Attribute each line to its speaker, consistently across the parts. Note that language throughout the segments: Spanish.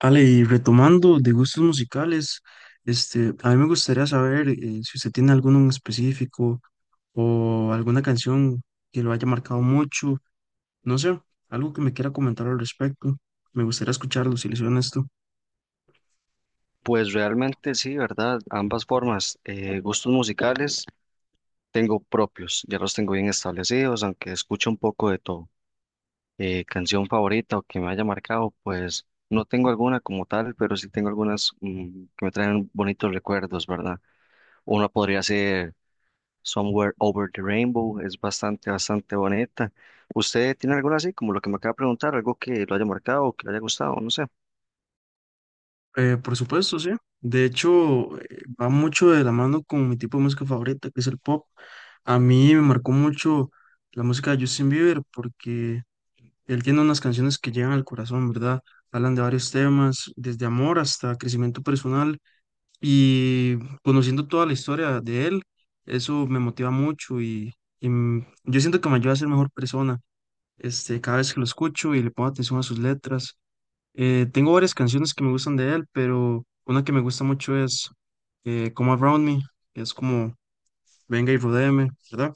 Speaker 1: Ale, y retomando de gustos musicales, a mí me gustaría saber si usted tiene alguno en específico o alguna canción que lo haya marcado mucho, no sé, algo que me quiera comentar al respecto. Me gustaría escucharlo si le soy honesto.
Speaker 2: Pues realmente sí, ¿verdad? Ambas formas. Gustos musicales tengo propios, ya los tengo bien establecidos, aunque escucho un poco de todo. Canción favorita o que me haya marcado, pues no tengo alguna como tal, pero sí tengo algunas que me traen bonitos recuerdos, ¿verdad? Una podría ser Somewhere Over the Rainbow, es bastante, bastante bonita. ¿Usted tiene alguna así, como lo que me acaba de preguntar, algo que lo haya marcado o que le haya gustado? No sé.
Speaker 1: Por supuesto, sí. De hecho, va mucho de la mano con mi tipo de música favorita, que es el pop. A mí me marcó mucho la música de Justin Bieber porque él tiene unas canciones que llegan al corazón, ¿verdad? Hablan de varios temas, desde amor hasta crecimiento personal y conociendo toda la historia de él, eso me motiva mucho y yo siento que me ayuda a ser mejor persona, cada vez que lo escucho y le pongo atención a sus letras. Tengo varias canciones que me gustan de él, pero una que me gusta mucho es Come Around Me, que es como venga y rodéeme, ¿verdad?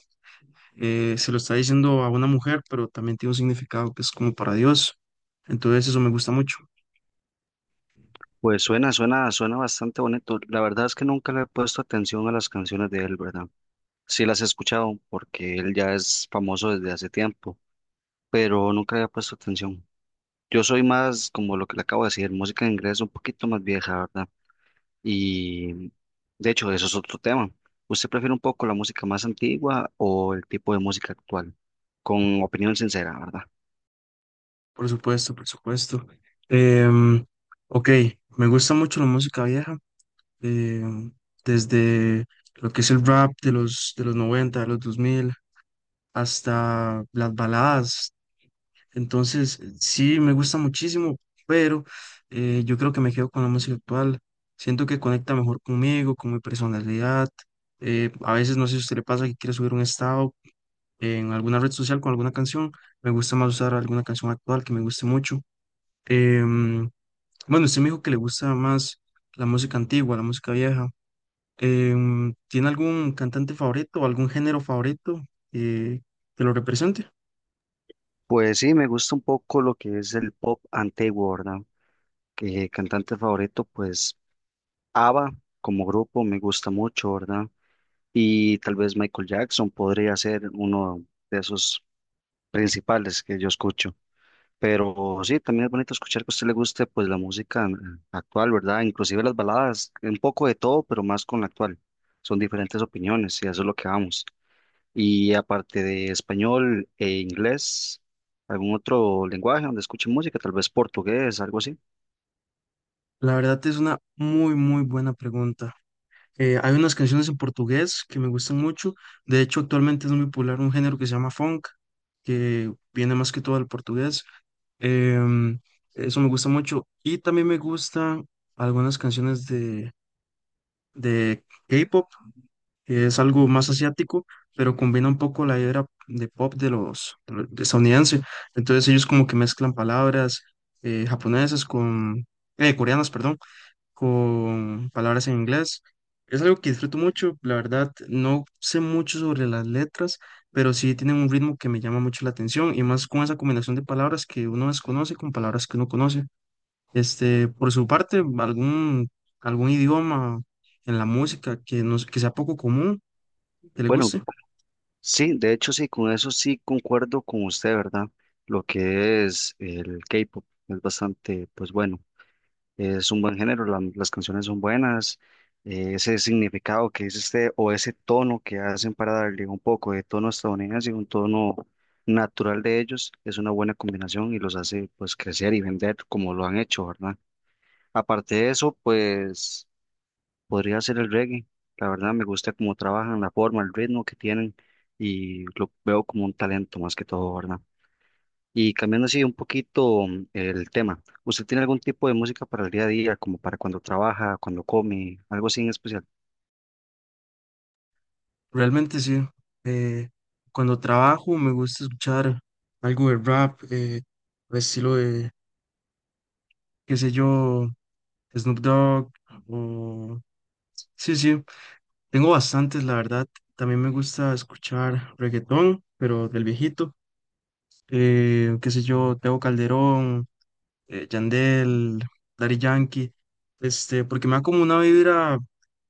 Speaker 1: Se lo está diciendo a una mujer, pero también tiene un significado que es como para Dios. Entonces eso me gusta mucho,
Speaker 2: Pues suena bastante bonito. La verdad es que nunca le he puesto atención a las canciones de él, ¿verdad? Sí las he escuchado porque él ya es famoso desde hace tiempo, pero nunca le he puesto atención. Yo soy más como lo que le acabo de decir, música en inglés un poquito más vieja, ¿verdad? Y de hecho, eso es otro tema. ¿Usted prefiere un poco la música más antigua o el tipo de música actual? Con opinión sincera, ¿verdad?
Speaker 1: por supuesto, por supuesto. Em, ok, me gusta mucho la música vieja, em, desde lo que es el rap de los 90 de los 2000 hasta las baladas. Entonces sí, me gusta muchísimo, pero yo creo que me quedo con la música actual. Siento que conecta mejor conmigo, con mi personalidad. A veces no sé si a usted le pasa que quiere subir un estado en alguna red social con alguna canción. Me gusta más usar alguna canción actual que me guste mucho. Em, bueno, usted me dijo que le gusta más la música antigua, la música vieja. ¿Tiene algún cantante favorito o algún género favorito eh, que lo represente?
Speaker 2: Pues sí, me gusta un poco lo que es el pop antiguo, ¿verdad? Que cantante favorito, pues. ABBA como grupo me gusta mucho, ¿verdad? Y tal vez Michael Jackson podría ser uno de esos principales que yo escucho. Pero sí, también es bonito escuchar que a usted le guste pues la música actual, ¿verdad? Inclusive las baladas, un poco de todo, pero más con la actual. Son diferentes opiniones y a eso es lo que vamos. Y aparte de español e inglés, ¿algún otro lenguaje donde escuche música? Tal vez portugués, algo así.
Speaker 1: La verdad es una muy, muy buena pregunta. Hay unas canciones en portugués que me gustan mucho. De hecho, actualmente es muy popular un género que se llama funk, que viene más que todo del portugués. Em, Eso me gusta mucho. Y también me gustan algunas canciones de K-pop, que es algo más asiático, pero combina un poco la idea de pop de de estadounidense. Entonces ellos como que mezclan palabras japonesas con, coreanas, perdón, con palabras en inglés. Es algo que disfruto mucho, la verdad, no sé mucho sobre las letras, pero sí tienen un ritmo que me llama mucho la atención y más con esa combinación de palabras que uno desconoce con palabras que uno conoce. Por su parte, algún idioma en la música que sea poco común, que le
Speaker 2: Bueno,
Speaker 1: guste.
Speaker 2: sí, de hecho sí, con eso sí concuerdo con usted, ¿verdad? Lo que es el K-pop es bastante, pues bueno, es un buen género, las canciones son buenas, ese significado que es este o ese tono que hacen para darle un poco de tono estadounidense y un tono natural de ellos es una buena combinación y los hace pues crecer y vender como lo han hecho, ¿verdad? Aparte de eso, pues podría ser el reggae. La verdad me gusta cómo trabajan, la forma, el ritmo que tienen y lo veo como un talento más que todo, ¿verdad? Y cambiando así un poquito el tema, ¿usted tiene algún tipo de música para el día a día, como para cuando trabaja, cuando come, algo así en especial?
Speaker 1: Realmente sí. eh, Cuando trabajo me gusta escuchar algo de rap, al estilo de, qué sé yo, Snoop Dogg. O... Sí, sí, tengo bastantes, la verdad. También me gusta escuchar reggaetón, pero del viejito. Qué sé yo, Teo Calderón, Yandel, Daddy Yankee, porque me da como una vibra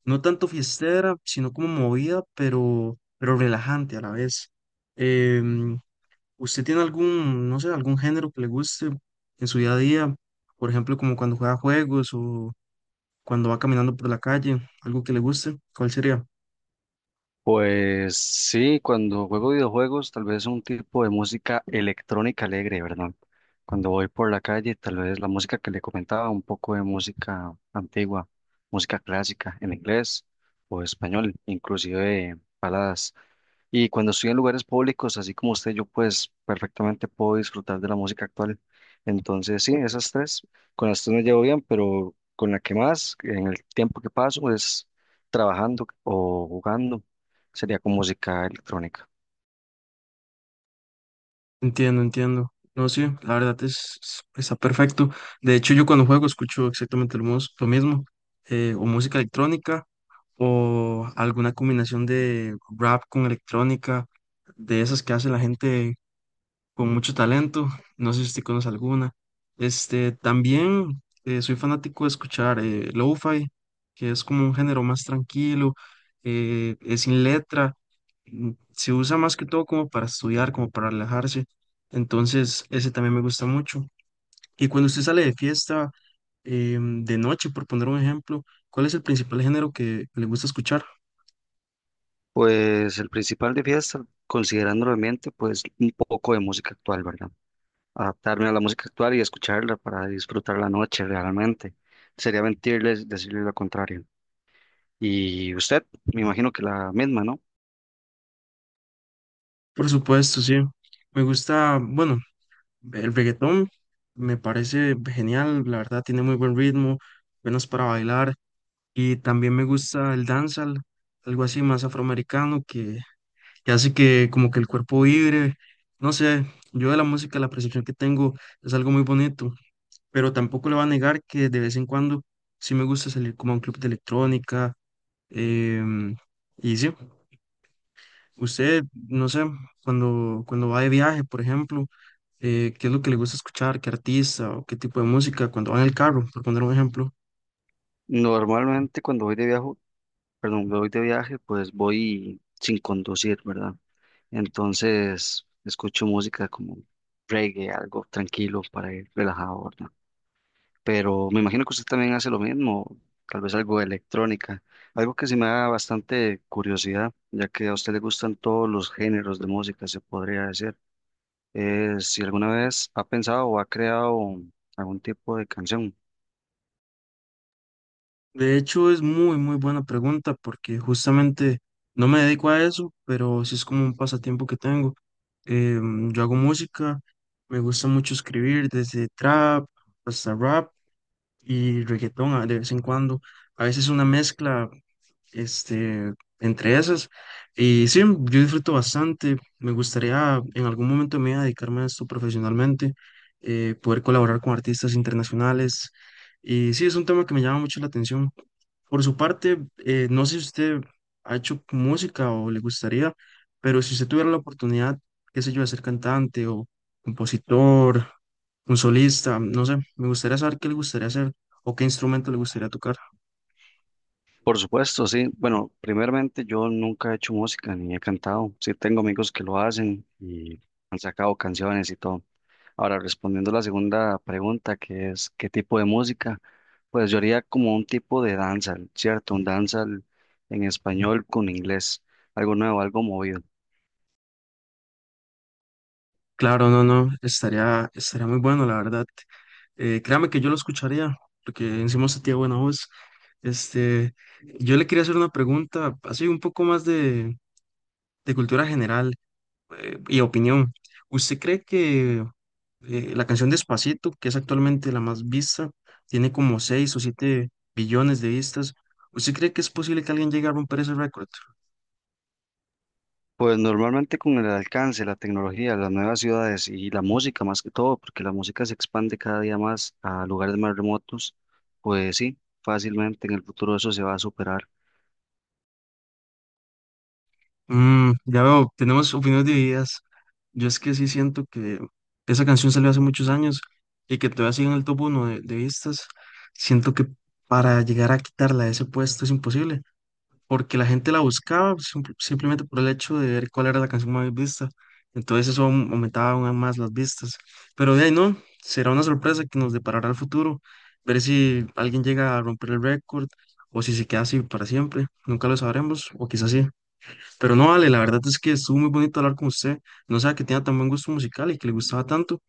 Speaker 1: no tanto fiestera, sino como movida, pero relajante a la vez. Em, ¿Usted tiene algún, no sé, algún género que le guste en su día a día? Por ejemplo, como cuando juega juegos o cuando va caminando por la calle, algo que le guste, ¿cuál sería?
Speaker 2: Pues sí, cuando juego videojuegos, tal vez un tipo de música electrónica alegre, ¿verdad? Cuando voy por la calle, tal vez la música que le comentaba, un poco de música antigua, música clásica en inglés o español, inclusive baladas. Y cuando estoy en lugares públicos, así como usted, yo pues perfectamente puedo disfrutar de la música actual. Entonces, sí, esas tres, con las tres me llevo bien, pero con la que más, en el tiempo que paso, es trabajando o jugando, sería con música electrónica.
Speaker 1: Entiendo, entiendo. No, sí, la verdad está perfecto. De hecho, yo cuando juego escucho exactamente lo mismo, o música electrónica o alguna combinación de rap con electrónica, de esas que hace la gente con mucho talento. No sé si usted conoce alguna. También soy fanático de escuchar lo-fi, que es como un género más tranquilo, es sin letra, se usa más que todo como para estudiar, como para relajarse. Entonces, ese también me gusta mucho. Y cuando usted sale de fiesta, de noche, por poner un ejemplo, ¿cuál es el principal género que le gusta escuchar?
Speaker 2: Pues el principal de fiesta, considerando el ambiente, pues un poco de música actual, ¿verdad? Adaptarme a la música actual y escucharla para disfrutar la noche realmente. Sería mentirles decirles lo contrario. Y usted, me imagino que la misma, ¿no?
Speaker 1: Por supuesto, sí. Me gusta, bueno, el reggaetón me parece genial, la verdad tiene muy buen ritmo, buenas para bailar y también me gusta el dancehall, algo así más afroamericano que hace que como que el cuerpo vibre, no sé, yo de la música la percepción que tengo es algo muy bonito, pero tampoco le voy a negar que de vez en cuando sí me gusta salir como a un club de electrónica, em, y sí, usted, no sé, cuando va de viaje, por ejemplo, qué es lo que le gusta escuchar, qué artista o qué tipo de música cuando va en el carro, por poner un ejemplo.
Speaker 2: Normalmente cuando voy de viaje, perdón, cuando voy de viaje, pues voy sin conducir, ¿verdad? Entonces escucho música como reggae, algo tranquilo para ir relajado, ¿verdad? Pero me imagino que usted también hace lo mismo, tal vez algo de electrónica, algo que se me da bastante curiosidad, ya que a usted le gustan todos los géneros de música, se podría decir. Si alguna vez ha pensado o ha creado algún tipo de canción.
Speaker 1: De hecho, es muy, muy buena pregunta porque justamente no me dedico a eso, pero sí es como un pasatiempo que tengo. Yo hago música, me gusta mucho escribir desde trap hasta rap y reggaetón de vez en cuando. A veces una mezcla este, entre esas. Y sí, yo disfruto bastante. Me gustaría en algún momento me mi vida dedicarme a esto profesionalmente, poder colaborar con artistas internacionales. Y sí, es un tema que me llama mucho la atención. Por su parte, no sé si usted ha hecho música o le gustaría, pero si usted tuviera la oportunidad, qué sé yo, de ser cantante o compositor, un solista, no sé, me gustaría saber qué le gustaría hacer o qué instrumento le gustaría tocar.
Speaker 2: Por supuesto, sí. Bueno, primeramente yo nunca he hecho música ni he cantado. Sí, tengo amigos que lo hacen y han sacado canciones y todo. Ahora, respondiendo a la segunda pregunta, que es ¿qué tipo de música? Pues yo haría como un tipo de danza, ¿cierto? Un danza en español con inglés, algo nuevo, algo movido.
Speaker 1: Claro, no, no, estaría muy bueno, la verdad. Créame que yo lo escucharía, porque encima usted tiene buena voz. Este, yo le quería hacer una pregunta, así un poco más de cultura general, y opinión. ¿Usted cree que la canción Despacito, que es actualmente la más vista, tiene como 6 o 7 billones de vistas? ¿Usted cree que es posible que alguien llegue a romper ese récord?
Speaker 2: Pues normalmente con el alcance, la tecnología, las nuevas ciudades y la música más que todo, porque la música se expande cada día más a lugares más remotos, pues sí, fácilmente en el futuro eso se va a superar.
Speaker 1: Mm, ya veo, tenemos opiniones divididas. Yo es que sí siento que esa canción salió hace muchos años y que todavía sigue en el top uno de vistas. Siento que para llegar a quitarla de ese puesto es imposible, porque la gente la buscaba simplemente por el hecho de ver cuál era la canción más vista. Entonces eso aumentaba aún más las vistas. Pero de ahí no, será una sorpresa que nos deparará el futuro, ver si alguien llega a romper el récord o si se queda así para siempre. Nunca lo sabremos, o quizás sí. Pero no vale, la verdad es que estuvo muy bonito hablar con usted. No sabía que tenía tan buen gusto musical y que le gustaba tanto.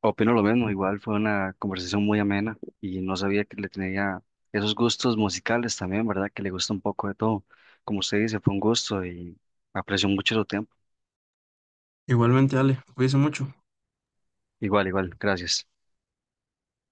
Speaker 2: Opino lo mismo, igual fue una conversación muy amena y no sabía que le tenía esos gustos musicales también, ¿verdad? Que le gusta un poco de todo. Como usted dice, fue un gusto y aprecio mucho su tiempo.
Speaker 1: Igualmente, Ale, cuídese mucho.
Speaker 2: Igual, igual, gracias.